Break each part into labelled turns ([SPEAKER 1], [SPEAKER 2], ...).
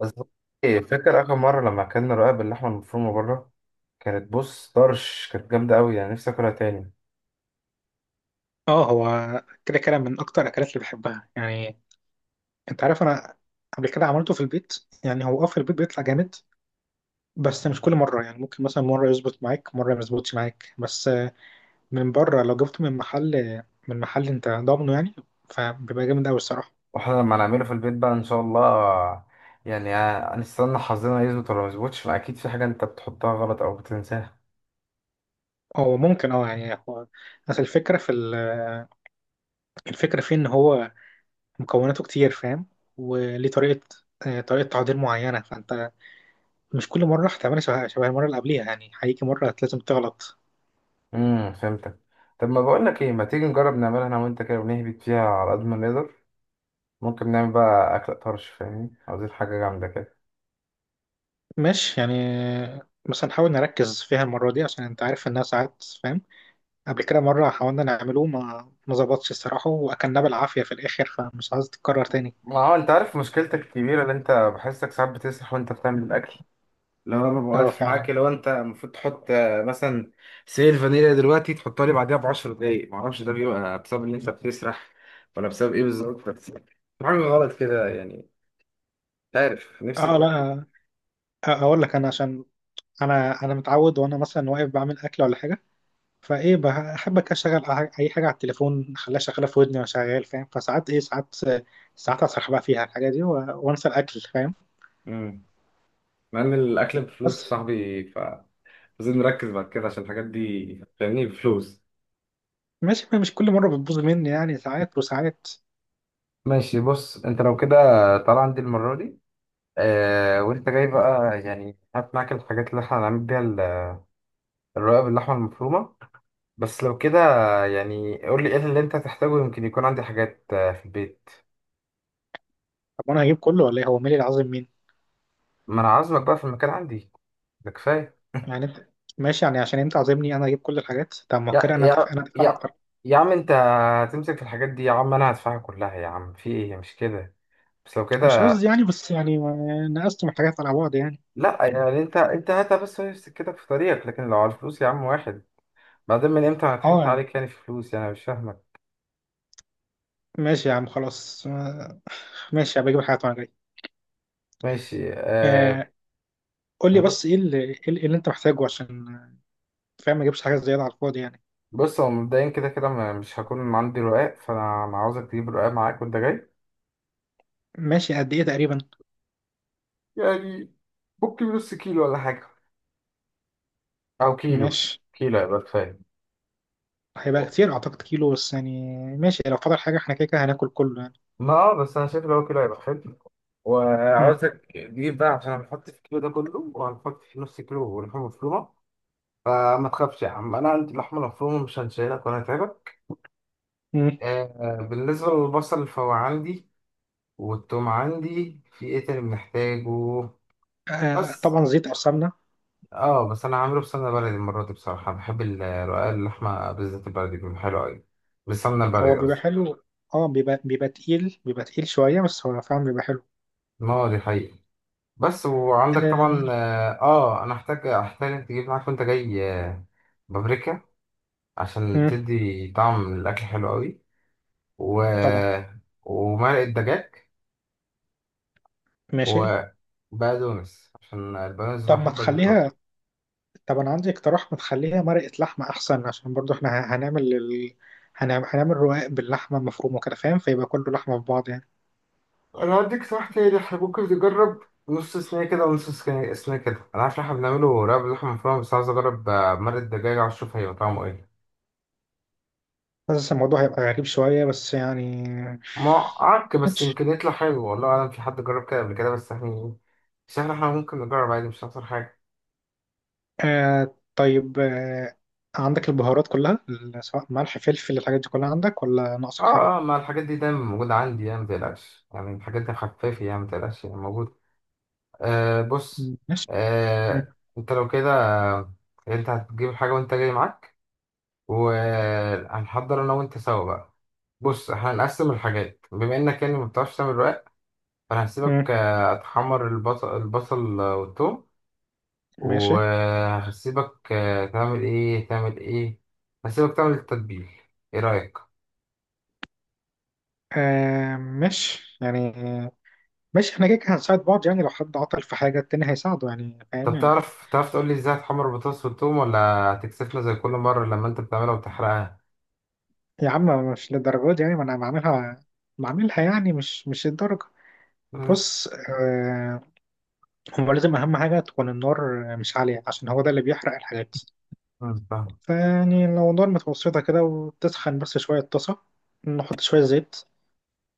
[SPEAKER 1] بس إيه، فاكر آخر مرة لما أكلنا رقاق باللحمة المفرومة بره؟ كانت بص طرش كانت جامدة أوي، يعني نفسي أكلها تاني.
[SPEAKER 2] اه، هو كده كده من اكتر الاكلات اللي بحبها، يعني انت عارف. انا قبل كده عملته في البيت. يعني هو في البيت بيطلع جامد، بس مش كل مره. يعني ممكن مثلا مره يظبط معاك، مره ما يظبطش معاك. بس من بره لو جبته من محل، انت ضامنه، يعني فبيبقى جامد قوي الصراحه.
[SPEAKER 1] وإحنا لما نعمله في البيت بقى إن شاء الله، يعني هنستنى حظنا يظبط ولا ما يظبطش؟ ما أكيد في حاجة أنت بتحطها غلط أو بتنساها.
[SPEAKER 2] هو ممكن يعني هو اصل الفكره في الفكره فيه ان هو مكوناته كتير فاهم. وليه طريقه، طريقه تعضير معينه، فانت مش كل مره هتعملها شبه المره اللي قبليها. يعني هيجي مره لازم تغلط.
[SPEAKER 1] فهمتك. طب ما بقولك إيه، ما تيجي نجرب نعملها أنا وأنت كده ونهبط فيها على قد ما نقدر؟ ممكن نعمل بقى أكلة طرش، فاهمني؟ عاوزين حاجة جامدة كده.
[SPEAKER 2] ماشي يعني، بس نحاول نركز فيها المرة دي، عشان انت عارف انها ساعات فاهم. قبل كده مرة حاولنا نعمله ما ظبطش الصراحة، واكلناه بالعافية في الاخر، فمش عايز تتكرر تاني.
[SPEAKER 1] ما هو أنت عارف مشكلتك الكبيرة اللي أنت بحسك ساعات بتسرح وأنت بتعمل الأكل. لو انا ببقى
[SPEAKER 2] اه
[SPEAKER 1] واقف معاك،
[SPEAKER 2] فعلا.
[SPEAKER 1] لو انت المفروض تحط مثلا سيل فانيليا دلوقتي تحطها لي بعديها ب 10 دقايق، معرفش ده بيبقى بسبب ان انت بتسرح ولا بسبب ايه بالظبط. بس في حاجه غلط كده يعني، مش عارف، نفسي
[SPEAKER 2] اه لا.
[SPEAKER 1] تركز.
[SPEAKER 2] اقول لك انا، عشان انا متعود. وانا مثلا واقف بعمل اكل ولا حاجة، فايه بحب كده اشغل اي حاجة على التليفون، اخليها شغالة في ودني وانا شغال فاهم. فساعات ايه ساعات ساعات اسرح بقى فيها الحاجة دي، وانسى الاكل فاهم.
[SPEAKER 1] امم مع ان الاكل بفلوس يا
[SPEAKER 2] بس
[SPEAKER 1] صاحبي، ف لازم نركز بعد كده عشان الحاجات دي فاهمني، بفلوس.
[SPEAKER 2] ماشي، مش كل مرة بتبوظ مني. يعني ساعات وساعات.
[SPEAKER 1] ماشي، بص انت لو كده طالع عندي المرة دي، وانت جاي بقى يعني هات معاك الحاجات اللي احنا هنعمل بيها الرقاب باللحمة المفرومة. بس لو كده، يعني قول لي ايه اللي انت هتحتاجه، يمكن يكون عندي حاجات في البيت.
[SPEAKER 2] طب وانا هجيب كله ولا ايه؟ هو مالي العظيم مين؟
[SPEAKER 1] ما انا عازمك بقى في المكان عندي، ده كفايه.
[SPEAKER 2] يعني انت. ماشي يعني، عشان انت عازمني انا هجيب كل الحاجات. طب ما هو
[SPEAKER 1] يا
[SPEAKER 2] كده
[SPEAKER 1] يا
[SPEAKER 2] انا دافع
[SPEAKER 1] يا
[SPEAKER 2] اكتر.
[SPEAKER 1] يا عم انت، هتمسك في الحاجات دي يا عم؟ انا هدفعها كلها يا عم، في ايه مش كده؟ بس لو
[SPEAKER 2] مش
[SPEAKER 1] كده.
[SPEAKER 2] قصدي يعني، بس يعني نقصت من الحاجات على بعض يعني.
[SPEAKER 1] لا يعني انت هاتها بس نفسك كده في طريقك، لكن لو على الفلوس يا عم واحد، بعدين من امتى انا
[SPEAKER 2] اه
[SPEAKER 1] ضحكت
[SPEAKER 2] يعني
[SPEAKER 1] عليك يعني في فلوس؟ يعني أنا مش فاهمك.
[SPEAKER 2] ماشي يا عم، خلاص. ماشي، هبقى اجيب الحاجات وانا جاي.
[SPEAKER 1] ماشي.
[SPEAKER 2] آه قول لي
[SPEAKER 1] ب-
[SPEAKER 2] بس ايه اللي، إيه اللي انت محتاجه، عشان فاهم، ما اجيبش حاجات زياده على الفاضي يعني.
[SPEAKER 1] بص، هو مبدئيا كده كده مش هكون عندي رقاق، فانا عاوزك تجيب رقاق معاك وانت جاي.
[SPEAKER 2] ماشي، قد ايه تقريبا؟
[SPEAKER 1] يعني ممكن نص كيلو ولا حاجة، او كيلو.
[SPEAKER 2] ماشي.
[SPEAKER 1] كيلو هيبقى كفايه.
[SPEAKER 2] هيبقى كتير اعتقد كيلو، بس يعني ماشي، لو فضل حاجه احنا كده كده هناكل كله يعني.
[SPEAKER 1] ما بس انا شايف لو هو كيلو هيبقى حلو،
[SPEAKER 2] مم.
[SPEAKER 1] وعاوزك تجيب بقى عشان هنحط في الكيلو ده كله، وهنحط في نص كيلو لحمه مفرومه. فما تخافش يا عم، انا عندي اللحمه المفرومه، مش هنشيلك ولا هتعبك.
[SPEAKER 2] مم.
[SPEAKER 1] آه، بالنسبه للبصل فهو عندي، والثوم عندي. في ايه تاني بنحتاجه؟
[SPEAKER 2] آه
[SPEAKER 1] بس
[SPEAKER 2] طبعا، زيت او سمنه.
[SPEAKER 1] اه بس انا عامله بسمنه بلدي المره دي، بصراحه بحب رقاق اللحمه بالذات البلدي بيبقى حلو قوي. بالسمنه
[SPEAKER 2] هو
[SPEAKER 1] البلدي
[SPEAKER 2] بيبقى
[SPEAKER 1] قصدي.
[SPEAKER 2] حلو. اه، بيبقى تقيل شوية، بس هو فعلا بيبقى حلو.
[SPEAKER 1] اه دي حقيقة. بس وعندك
[SPEAKER 2] آه.
[SPEAKER 1] طبعا اه، انا احتاج تجيب معاك وانت جاي بابريكا، عشان
[SPEAKER 2] مم.
[SPEAKER 1] تدي طعم الاكل حلو قوي. و...
[SPEAKER 2] طبعا.
[SPEAKER 1] ومرقة دجاج،
[SPEAKER 2] ماشي.
[SPEAKER 1] وبقدونس، عشان البقدونس
[SPEAKER 2] طب ما
[SPEAKER 1] بحب اجيب
[SPEAKER 2] تخليها
[SPEAKER 1] طازة.
[SPEAKER 2] طب انا عندي اقتراح، ما تخليها مرقة لحمة احسن، عشان برضو احنا هنعمل هنعمل رقاق باللحمة المفرومة كده فاهم، فيبقى كله لحمة في بعض يعني.
[SPEAKER 1] انا هديك صح، تاني احنا ممكن نجرب نص صينية كده ونص صينية كده. انا عارف ان احنا بنعمله رقاب لحمة مفرومة، بس عايز اجرب مرقة دجاج عشان اشوف هيبقى طعمه ايه.
[SPEAKER 2] بس الموضوع هيبقى غريب شوية، بس يعني.
[SPEAKER 1] معك، بس
[SPEAKER 2] ماشي.
[SPEAKER 1] يمكن يطلع حلو والله أعلم، في حد جرب كده قبل كده؟ بس احنا يعني، بس احنا ممكن نجرب عادي، مش هيحصل حاجة.
[SPEAKER 2] آه طيب. آه. عندك البهارات كلها، سواء ملح فلفل الحاجات دي، كلها عندك ولا ناقصك حاجة؟
[SPEAKER 1] اه اه، ما الحاجات دي دايما موجودة عندي يعني، متقلقش، يعني الحاجات دي خفافي يعني، متقلقش يعني، موجودة. آه بص
[SPEAKER 2] ماشي. مم.
[SPEAKER 1] آه انت لو كده آه، انت هتجيب الحاجة وانت جاي معاك، وهنحضر انا وانت سوا بقى. بص احنا هنقسم الحاجات، بما انك يعني ما بتعرفش تعمل رقاق، فانا
[SPEAKER 2] مم.
[SPEAKER 1] هسيبك اتحمر البصل والثوم.
[SPEAKER 2] ماشي.
[SPEAKER 1] وهسيبك تعمل ايه. هسيبك تعمل التتبيل، ايه رأيك؟
[SPEAKER 2] آه مش يعني مش احنا كده كده هنساعد بعض؟ يعني لو حد عطل في حاجة التاني هيساعده، يعني فاهم
[SPEAKER 1] طب
[SPEAKER 2] يعني.
[SPEAKER 1] تعرف تقول لي ازاي هتحمر البطاطس والثوم، ولا هتكسفنا زي كل مرة لما انت بتعملها وتحرقها؟
[SPEAKER 2] يا عم مش للدرجة دي. يعني ما انا بعملها يعني مش الدرجة.
[SPEAKER 1] امم
[SPEAKER 2] بص هو لازم أهم حاجة تكون النار مش عالية، عشان هو ده اللي بيحرق الحاجات.
[SPEAKER 1] أمم، فاهم.
[SPEAKER 2] فيعني لو النار متوسطة كده وتسخن بس شوية الطاسة، نحط شوية زيت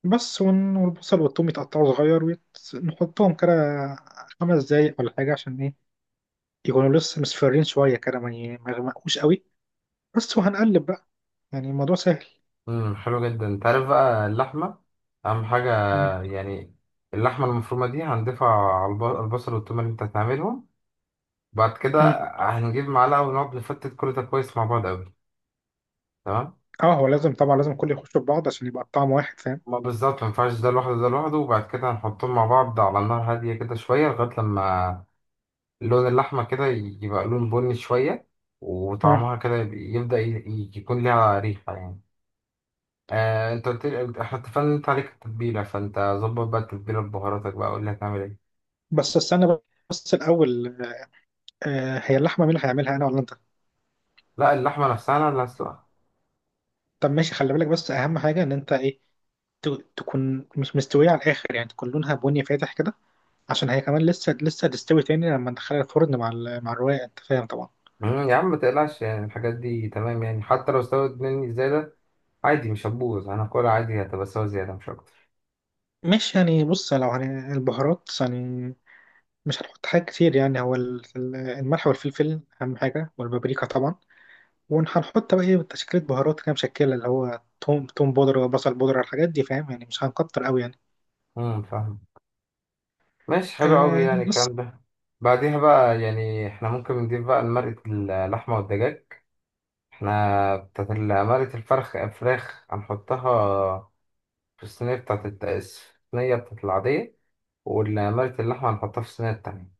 [SPEAKER 2] بس. والبصل والثوم يتقطعوا صغير، ونحطهم كده خمس دقايق ولا حاجة، عشان ايه يكونوا لسه مصفرين شوية كده، ما يغمقوش قوي. بس وهنقلب بقى، يعني الموضوع سهل.
[SPEAKER 1] حلو جدا. انت عارف بقى اللحمة اهم حاجة،
[SPEAKER 2] مم.
[SPEAKER 1] يعني اللحمة المفرومة دي هنضيفها على البصل والثوم اللي انت هتعملهم، بعد كده
[SPEAKER 2] مم.
[SPEAKER 1] هنجيب معلقة ونقعد نفتت كل ده كويس مع بعض قوي. تمام.
[SPEAKER 2] اه، هو لازم طبعا، لازم كله يخشوا في بعض عشان يبقى الطعم واحد فاهم.
[SPEAKER 1] ما بالظبط، ما ينفعش ده لوحده ده لوحده، وبعد كده هنحطهم مع بعض على نار هادية كده شوية، لغاية لما لون اللحمة كده يبقى لون بني شوية،
[SPEAKER 2] مم.
[SPEAKER 1] وطعمها كده يكون ليها ريحة يعني. آه، انت قلت لي احنا اتفقنا ان انت عليك التتبيلة، فانت ظبط بقى التتبيلة ببهاراتك بقى، قول لي هتعمل ايه.
[SPEAKER 2] بس استنى، بس الأول. هي اللحمة مين اللي هيعملها، أنا ولا أنت؟
[SPEAKER 1] لا، اللحمة نفسها انا اللي هسلقها.
[SPEAKER 2] طب ماشي، خلي بالك بس أهم حاجة إن أنت ت- تكون مش مستوية على الآخر، يعني تكون لونها بني فاتح كده، عشان هي كمان لسه لسه تستوي تاني لما ندخلها الفرن مع مع الرواية، أنت فاهم طبعا.
[SPEAKER 1] يا عم ما تقلقش يعني، الحاجات دي تمام يعني، حتى لو استوت مني زيادة عادي مش هتبوظ، هناكلها عادي، هتبقى سوا زيادة مش أكتر.
[SPEAKER 2] ماشي يعني. بص لو البهارات يعني، مش هنحط حاجات كتير يعني، هو الملح والفلفل أهم حاجة، والبابريكا طبعا. وهنحط بقى إيه، تشكيلة بهارات كده مشكلة اللي هو توم بودرة وبصل بودرة، الحاجات دي فاهم، يعني مش هنكتر أوي يعني.
[SPEAKER 1] فاهم. ماشي، حلو قوي
[SPEAKER 2] آه
[SPEAKER 1] يعني
[SPEAKER 2] بس.
[SPEAKER 1] الكلام ده. بعديها بقى يعني احنا ممكن نضيف بقى لمرقة اللحمة والدجاج، احنا بتاعت مرقة الفرخ الفراخ هنحطها في الصينية بتاعت الصينية بتاعت العادية، ومرقة اللحمة هنحطها في الصينية التانية،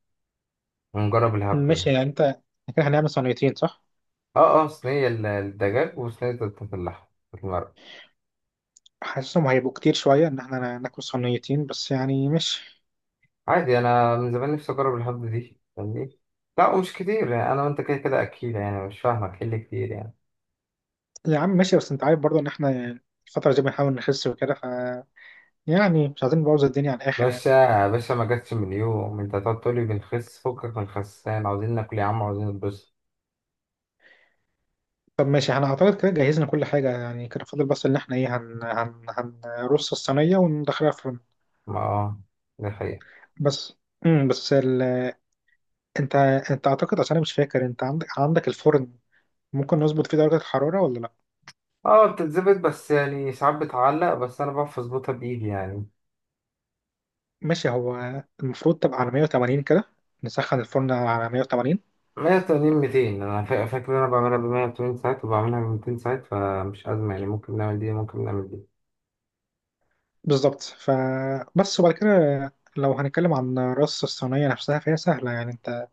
[SPEAKER 1] ونجرب الهبد ده.
[SPEAKER 2] ماشي يعني أنت، إحنا كده هنعمل صينيتين، صح؟
[SPEAKER 1] اه اه، صينية الدجاج وصينية بتاعت اللحمة بتاعت المرقة.
[SPEAKER 2] حاسسهم هيبقوا كتير شوية إن إحنا ناكل صينيتين، بس يعني مش.
[SPEAKER 1] عادي، أنا من زمان نفسي أجرب الهبد دي فاهمني؟ لا ومش كتير يعني، أنا وأنت كده كده أكيد يعني، مش فاهمك إيه اللي كتير يعني.
[SPEAKER 2] يا عم ماشي، بس أنت عارف برضه إن إحنا الفترة دي بنحاول نخس وكده، ف يعني مش عايزين نبوظ الدنيا على الآخر يعني.
[SPEAKER 1] باشا باشا، ما جاتش من يوم انت هتقعد تقولي بنخس، فكك من الخسان، عاوزين ناكل يا عم، عاوزين نتبسط.
[SPEAKER 2] طب ماشي، احنا اعتقد كده جهزنا كل حاجة يعني. كده فاضل بس ان احنا ايه هن هن هنرص الصينية وندخلها الفرن.
[SPEAKER 1] ما اه، ده حقيقة.
[SPEAKER 2] بس بس انت انت اعتقد عشان انا مش فاكر، انت عندك الفرن ممكن نظبط فيه درجة الحرارة ولا لا؟
[SPEAKER 1] اه بتتظبط، بس يعني ساعات بتعلق، بس انا بعرف اظبطها بايدي يعني.
[SPEAKER 2] ماشي. هو المفروض تبقى على 180 كده، نسخن الفرن على 180
[SPEAKER 1] 180 200، انا فاكر ان انا بعملها ب 180 ساعات وبعملها ب 200 ساعات، فمش ازمة يعني، ممكن نعمل دي ممكن نعمل دي.
[SPEAKER 2] بالظبط. فبس وبعد كده، لو هنتكلم عن رص الصينية نفسها فهي سهلة يعني. انت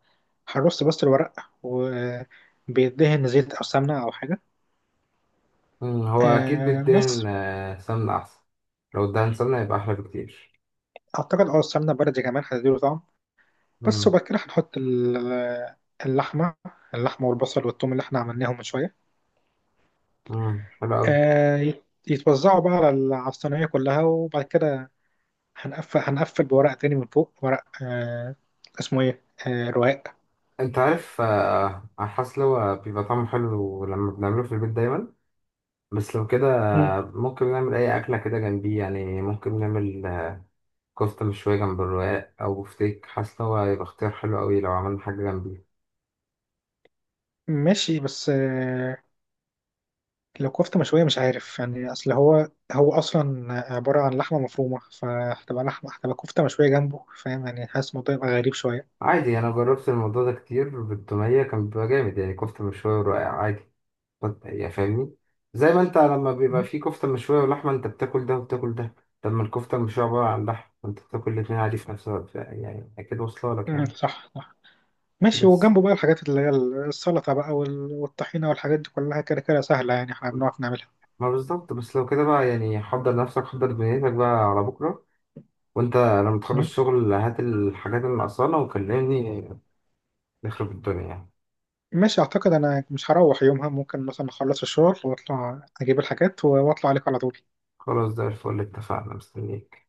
[SPEAKER 2] هنرص بس الورق، وبيدهن زيت او سمنة او حاجة.
[SPEAKER 1] هو اكيد
[SPEAKER 2] آه
[SPEAKER 1] بتدهن
[SPEAKER 2] بس
[SPEAKER 1] سمنة احسن. لو ادهن سمنة يبقى احلى بكتير.
[SPEAKER 2] اعتقد السمنه بلدي كمان هتديله طعم. بس
[SPEAKER 1] مم،
[SPEAKER 2] وبعد كده هنحط اللحمه اللحمه والبصل والثوم اللي احنا عملناهم من شويه.
[SPEAKER 1] حلو اوي.
[SPEAKER 2] يتوزعوا بقى على على الصينيه كلها، وبعد كده هنقفل بورق تاني من فوق، ورق اسمه ايه، رواق.
[SPEAKER 1] انت عارف على الحاسة اللي هو بيبقى طعمه حلو لما بنعمله في البيت دايما. بس لو كده،
[SPEAKER 2] مم.
[SPEAKER 1] ممكن نعمل أي أكلة كده جنبيه، يعني ممكن نعمل كفتة مشوية جنب الرقاق أو بفتيك، حاسس إن هو هيبقى اختيار حلو أوي لو عملنا حاجة جنبيه.
[SPEAKER 2] ماشي بس. لو كفته مشويه مش عارف يعني، اصل هو اصلا عباره عن لحمه مفرومه، فهتبقى هتبقى كفته مشويه جنبه، فاهم يعني. حاسس الموضوع يبقى غريب شويه.
[SPEAKER 1] عادي، أنا جربت الموضوع ده كتير بالتومية كان بيبقى جامد، يعني كفتة مشوية ورقاق عادي. يعني فاهمني، زي ما أنت لما بيبقى فيه كفتة مشوية ولحمة أنت بتاكل ده وبتاكل ده، طب ما الكفتة المشوية عبارة عن لحم وأنت بتاكل الاتنين عادي في نفس الوقت، يعني أكيد واصلة لك
[SPEAKER 2] مم،
[SPEAKER 1] يعني.
[SPEAKER 2] صح صح. ماشي.
[SPEAKER 1] بس
[SPEAKER 2] وجنبه بقى الحاجات اللي هي السلطة بقى والطحينة والحاجات دي كلها كده كده سهلة، يعني احنا بنعرف نعملها.
[SPEAKER 1] ما بالظبط، بس لو كده بقى يعني حضر نفسك، حضر دنيتك بقى على بكرة، وانت لما تخلص
[SPEAKER 2] مم.
[SPEAKER 1] شغل هات الحاجات اللي ناقصانا وكلمني، نخرب الدنيا يعني.
[SPEAKER 2] ماشي. أعتقد أنا مش هروح يومها، ممكن مثلا أخلص الشغل وأطلع أجيب الحاجات، وأطلع عليك على طول.
[SPEAKER 1] خلاص، زي الفل، اتفقنا، مستنيك.